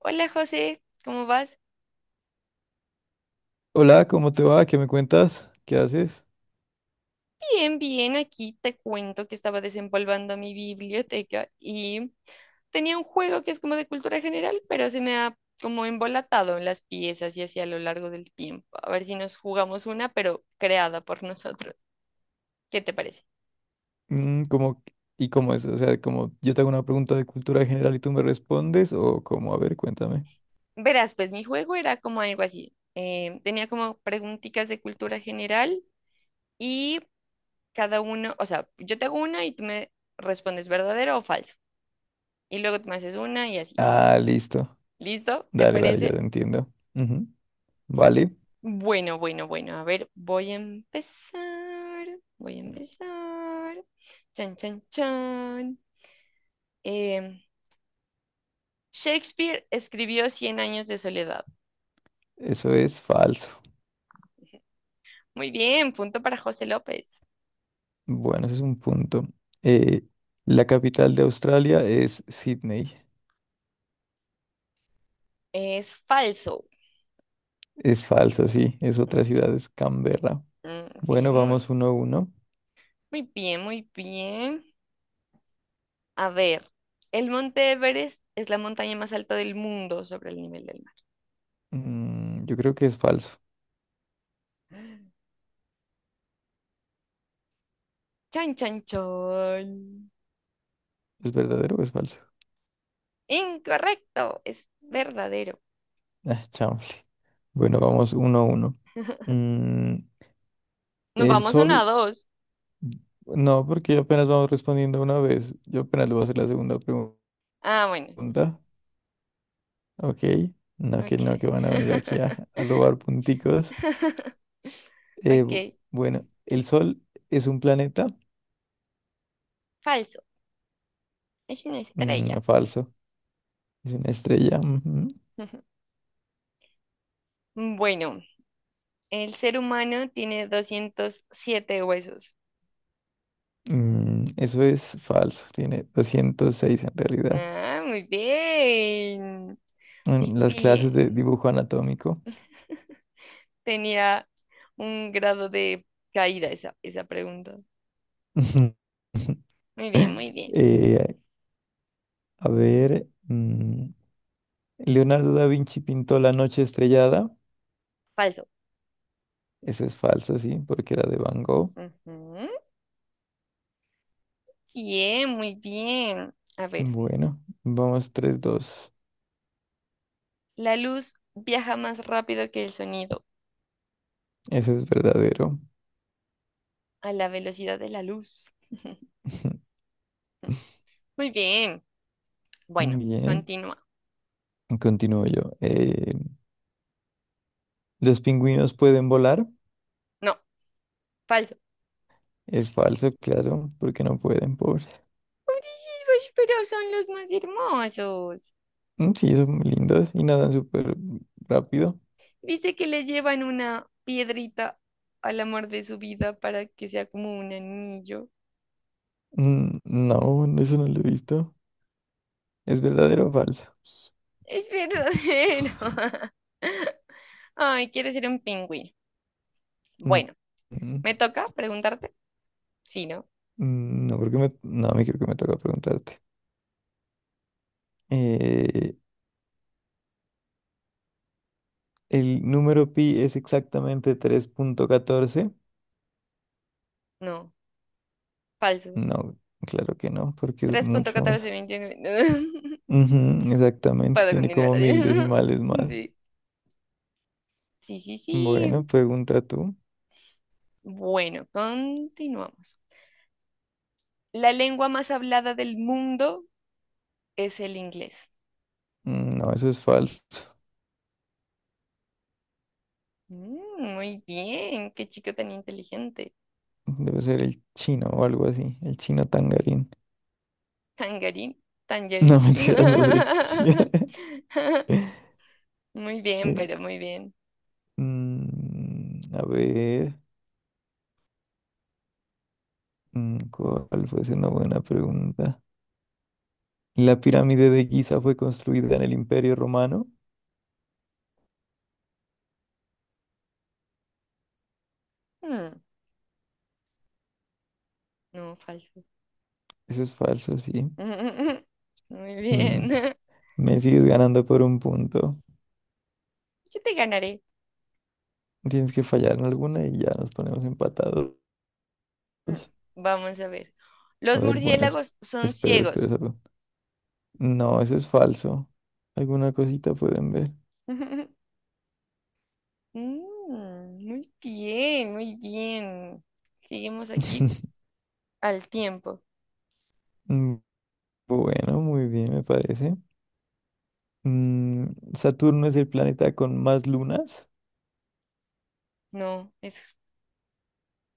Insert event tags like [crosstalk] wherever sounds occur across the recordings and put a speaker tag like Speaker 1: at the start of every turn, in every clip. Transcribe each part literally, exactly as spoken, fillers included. Speaker 1: Hola José, ¿cómo vas?
Speaker 2: Hola, ¿cómo te va? ¿Qué me cuentas? ¿Qué haces?
Speaker 1: Bien, bien, aquí te cuento que estaba desempolvando mi biblioteca y tenía un juego que es como de cultura general, pero se me ha como embolatado en las piezas y así a lo largo del tiempo. A ver si nos jugamos una, pero creada por nosotros. ¿Qué te parece?
Speaker 2: Mm, ¿cómo- y cómo es? O sea, como yo te hago una pregunta de cultura general y tú me respondes, o cómo, a ver, cuéntame.
Speaker 1: Verás, pues mi juego era como algo así. Eh, tenía como preguntitas de cultura general y cada uno, o sea, yo te hago una y tú me respondes verdadero o falso. Y luego tú me haces una y así.
Speaker 2: Ah, listo.
Speaker 1: ¿Listo? ¿Te
Speaker 2: Dale, dale, ya te
Speaker 1: parece?
Speaker 2: entiendo. Ujú. Vale,
Speaker 1: Bueno, bueno, bueno. A ver, voy a empezar. Voy a empezar. Chan, chan, chan. Em, Shakespeare escribió Cien años de soledad.
Speaker 2: eso es falso.
Speaker 1: Muy bien, punto para José López.
Speaker 2: Bueno, ese es un punto. Eh, la capital de Australia es Sydney.
Speaker 1: Es falso.
Speaker 2: Es falso, sí. Es otra ciudad, es Canberra.
Speaker 1: Mm, sí,
Speaker 2: Bueno,
Speaker 1: muy,
Speaker 2: vamos uno a uno.
Speaker 1: muy bien, muy bien. A ver, el monte Everest es la montaña más alta del mundo sobre el nivel del mar.
Speaker 2: Mm, yo creo que es falso.
Speaker 1: Chan, chan, chan.
Speaker 2: ¿Es verdadero o es falso?
Speaker 1: Incorrecto, es verdadero.
Speaker 2: Ah, chao. Bueno, vamos uno a uno.
Speaker 1: [laughs]
Speaker 2: Mm,
Speaker 1: Nos
Speaker 2: el
Speaker 1: vamos una a
Speaker 2: sol,
Speaker 1: dos.
Speaker 2: no, porque apenas vamos respondiendo una vez. Yo apenas le voy a hacer la segunda
Speaker 1: Ah, bueno, sí.
Speaker 2: pregunta. Ok. No, que
Speaker 1: Ok.
Speaker 2: no, que van a venir aquí a, a robar punticos.
Speaker 1: [laughs]
Speaker 2: Eh, bu-
Speaker 1: Ok.
Speaker 2: bueno, el sol es un planeta.
Speaker 1: Falso. Es una
Speaker 2: Mm,
Speaker 1: estrella.
Speaker 2: falso. Es una estrella. Ujú.
Speaker 1: [laughs] Bueno, el ser humano tiene doscientos siete huesos.
Speaker 2: Mm, eso es falso. Tiene doscientos seis en realidad.
Speaker 1: Ah, muy bien. Muy
Speaker 2: En las clases de
Speaker 1: bien.
Speaker 2: dibujo anatómico.
Speaker 1: [laughs] Tenía un grado de caída esa, esa pregunta.
Speaker 2: [laughs]
Speaker 1: Muy bien, muy bien.
Speaker 2: Eh, a ver. mm, Leonardo da Vinci pintó La noche estrellada.
Speaker 1: Falso.
Speaker 2: Eso es falso, sí, porque era de Van Gogh.
Speaker 1: Ujú. Bien, muy bien. A ver,
Speaker 2: Bueno, vamos tres, dos.
Speaker 1: la luz viaja más rápido que el sonido.
Speaker 2: Eso es verdadero.
Speaker 1: A la velocidad de la luz.
Speaker 2: [laughs]
Speaker 1: Muy bien. Bueno,
Speaker 2: Bien,
Speaker 1: continúa.
Speaker 2: continúo yo. Eh, ¿los pingüinos pueden volar?
Speaker 1: No, falso.
Speaker 2: Es falso, claro, porque no pueden, pobres.
Speaker 1: Pobrecitos, pero son los más hermosos.
Speaker 2: Mm, sí, son muy lindos y nadan súper rápido.
Speaker 1: ¿Viste que les llevan una piedrita al amor de su vida para que sea como un anillo?
Speaker 2: Mm, no, no, eso no lo he visto. ¿Es verdadero o falso?
Speaker 1: Es verdadero. [laughs] Ay, quiero ser un pingüino.
Speaker 2: Mm,
Speaker 1: Bueno,
Speaker 2: mm,
Speaker 1: ¿me toca preguntarte? Sí, ¿no?
Speaker 2: mm, no, creo que me, no, me creo que me toca preguntarte. Eh, ¿El número pi es exactamente tres punto catorce?
Speaker 1: No, falso.
Speaker 2: No, claro que no, porque es mucho más.
Speaker 1: tres punto uno cuatro dos nueve.
Speaker 2: Ujú,
Speaker 1: [laughs]
Speaker 2: exactamente,
Speaker 1: Puedo
Speaker 2: tiene
Speaker 1: continuar.
Speaker 2: como mil decimales más.
Speaker 1: Así. [laughs] Sí, sí, sí,
Speaker 2: Bueno,
Speaker 1: sí.
Speaker 2: pregunta tú.
Speaker 1: Bueno, continuamos. La lengua más hablada del mundo es el inglés.
Speaker 2: Mm, no, eso es falso.
Speaker 1: Mm, muy bien, qué chico tan inteligente.
Speaker 2: Debe ser el chino o algo así, el chino tangarín.
Speaker 1: Tangarín,
Speaker 2: No, [laughs]
Speaker 1: tangerín.
Speaker 2: mentiras, no sé.
Speaker 1: [laughs]
Speaker 2: [laughs]
Speaker 1: Muy bien,
Speaker 2: Eh,
Speaker 1: pero muy bien.
Speaker 2: mm, a ver, mm, ¿cuál fue una buena pregunta? ¿La pirámide de Giza fue construida en el Imperio Romano?
Speaker 1: Mm, no, falso.
Speaker 2: Eso es falso, sí.
Speaker 1: [laughs] Muy
Speaker 2: Mm,
Speaker 1: bien. [laughs]
Speaker 2: Me sigues ganando por un punto.
Speaker 1: Yo te ganaré.
Speaker 2: Tienes que fallar en alguna y ya nos ponemos empatados.
Speaker 1: Mm, vamos a ver.
Speaker 2: A
Speaker 1: Los
Speaker 2: ver, bueno, es-
Speaker 1: murciélagos son
Speaker 2: espero, espero
Speaker 1: ciegos.
Speaker 2: salud. No, eso es falso. Alguna cosita pueden ver.
Speaker 1: [laughs] Mm, muy bien, muy bien. Seguimos aquí.
Speaker 2: [laughs]
Speaker 1: Al tiempo.
Speaker 2: Mm, Bueno, muy bien, me parece. Mm, ¿Saturno es el planeta con más lunas?
Speaker 1: No, es.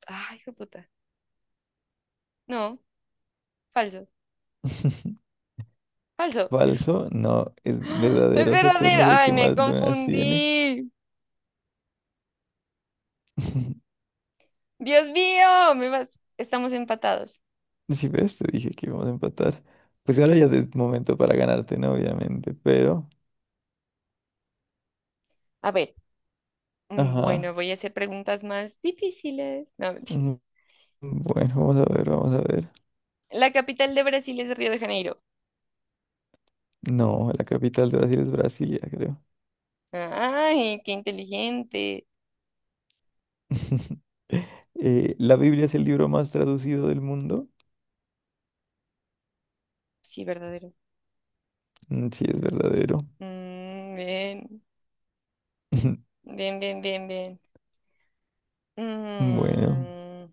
Speaker 1: Ay, hijo de puta. No, falso.
Speaker 2: [laughs]
Speaker 1: Falso. Es, [gasps]
Speaker 2: Falso, no, es
Speaker 1: ¡Ah! Es
Speaker 2: verdadero. Saturno
Speaker 1: verdadero.
Speaker 2: es el
Speaker 1: Ay,
Speaker 2: que
Speaker 1: me
Speaker 2: más lunas tiene.
Speaker 1: confundí.
Speaker 2: [laughs]
Speaker 1: Dios mío, me vas. Estamos empatados.
Speaker 2: Si ves, te dije que íbamos a empatar. Pues ahora ya es momento para ganarte, ¿no? Obviamente, pero...
Speaker 1: A ver, mm, bueno,
Speaker 2: Ajá.
Speaker 1: voy a hacer preguntas más difíciles. No, [laughs] mentira.
Speaker 2: Mm, Bueno, vamos a ver, vamos a ver.
Speaker 1: La capital de Brasil es Río de Janeiro.
Speaker 2: No, la capital de Brasil es Brasilia, creo.
Speaker 1: Ay, qué inteligente.
Speaker 2: [laughs] Eh, ¿la Biblia es el libro más traducido del mundo?
Speaker 1: Sí, verdadero.
Speaker 2: Mm, sí, es verdadero.
Speaker 1: Mm, bien,
Speaker 2: [laughs]
Speaker 1: bien, bien, bien, bien.
Speaker 2: Bueno,
Speaker 1: Mm,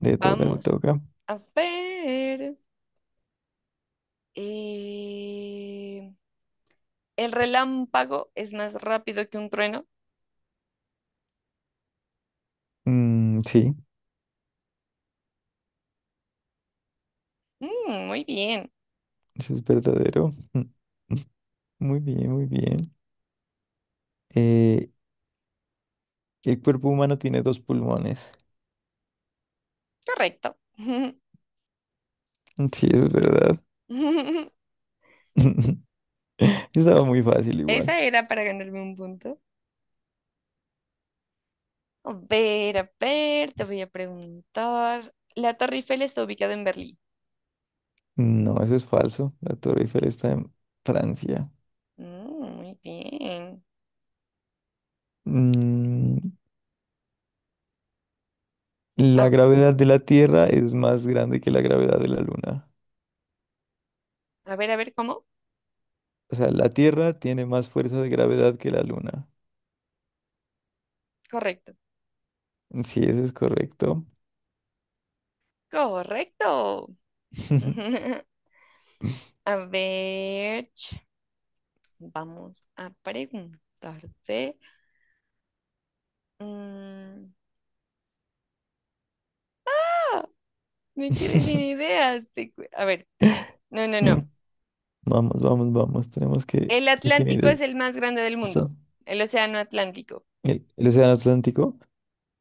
Speaker 2: te toca, te
Speaker 1: vamos
Speaker 2: toca.
Speaker 1: a ver. Eh, el relámpago es más rápido que un trueno.
Speaker 2: Mm, sí,
Speaker 1: Mm, muy bien,
Speaker 2: eso es verdadero. [laughs] Muy bien, muy bien. Eh, el cuerpo humano tiene dos pulmones.
Speaker 1: correcto.
Speaker 2: Mm, sí, eso es verdad.
Speaker 1: [laughs]
Speaker 2: [laughs] Estaba muy fácil igual.
Speaker 1: Esa era para ganarme un punto. A ver, a ver, te voy a preguntar. La Torre Eiffel está ubicada en Berlín.
Speaker 2: No, eso es falso. La Torre Eiffel está en Francia.
Speaker 1: Mm, muy bien.
Speaker 2: Mm, La
Speaker 1: A,
Speaker 2: gravedad de la Tierra es más grande que la gravedad de la Luna.
Speaker 1: a ver, a ver, ¿cómo?
Speaker 2: O sea, la Tierra tiene más fuerza de gravedad que la Luna.
Speaker 1: Correcto.
Speaker 2: Sí, eso es correcto.
Speaker 1: Correcto.
Speaker 2: [laughs]
Speaker 1: [laughs] A ver, ch- vamos a preguntarte. mm, Me quedé sin ideas. te cu- A ver, no, no,
Speaker 2: Mm,
Speaker 1: no.
Speaker 2: Vamos, vamos, vamos. Tenemos que
Speaker 1: El
Speaker 2: definir
Speaker 1: Atlántico
Speaker 2: e-
Speaker 1: es el más grande del
Speaker 2: esto.
Speaker 1: mundo. El océano Atlántico.
Speaker 2: ¿El, el océano Atlántico?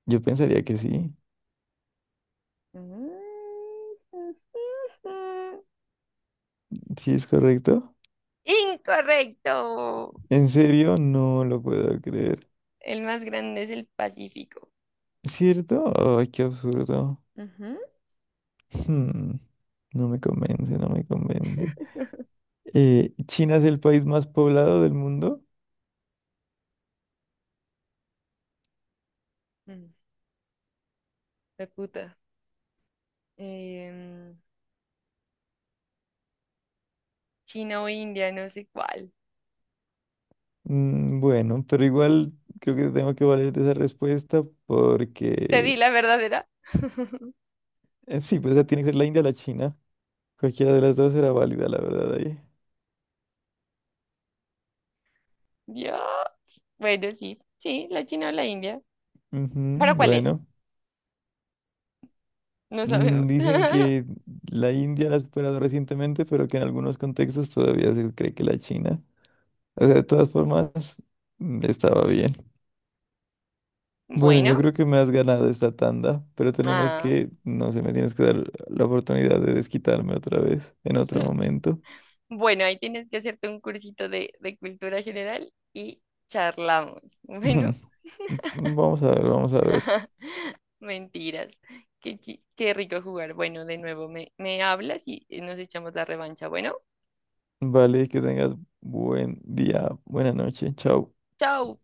Speaker 2: Yo pensaría que sí.
Speaker 1: Mm, mm,
Speaker 2: ¿Sí es correcto?
Speaker 1: Incorrecto.
Speaker 2: ¿En serio? No lo puedo creer.
Speaker 1: El más grande es el Pacífico.
Speaker 2: ¿Cierto? Ay, qué absurdo.
Speaker 1: Ujú.
Speaker 2: Hmm, No me convence, no me convence. Eh, ¿China es el país más poblado del mundo?
Speaker 1: Mm, la puta. Em, China o India, no sé cuál.
Speaker 2: Mm, Bueno, pero igual creo que tengo que valer de esa respuesta
Speaker 1: Te di
Speaker 2: porque
Speaker 1: la verdadera. [laughs]
Speaker 2: eh, sí, pues esa tiene que ser la India o la China. Cualquiera de las dos era válida, la verdad, ahí.
Speaker 1: Dios. Bueno, sí. Sí, la China o la India.
Speaker 2: Ujú,
Speaker 1: ¿Para cuál es?
Speaker 2: bueno,
Speaker 1: No sabemos.
Speaker 2: Mm, dicen
Speaker 1: [laughs]
Speaker 2: que la India la ha superado recientemente, pero que en algunos contextos todavía se cree que la China. O sea, de todas formas, mm, estaba bien. Bueno, yo
Speaker 1: Bueno.
Speaker 2: creo que me has ganado esta tanda, pero tenemos
Speaker 1: Ah.
Speaker 2: que, no sé, me tienes que dar la oportunidad de desquitarme otra vez en otro
Speaker 1: [laughs]
Speaker 2: momento.
Speaker 1: Bueno, ahí tienes que hacerte un cursito de, de cultura general y charlamos. Bueno,
Speaker 2: [laughs] Vamos a ver, vamos a ver.
Speaker 1: [laughs] mentiras. Qué, chi- qué rico jugar. Bueno, de nuevo me, me hablas y nos echamos la revancha. Bueno,
Speaker 2: Vale, que tengas buen día, buena noche. Chao.
Speaker 1: chao.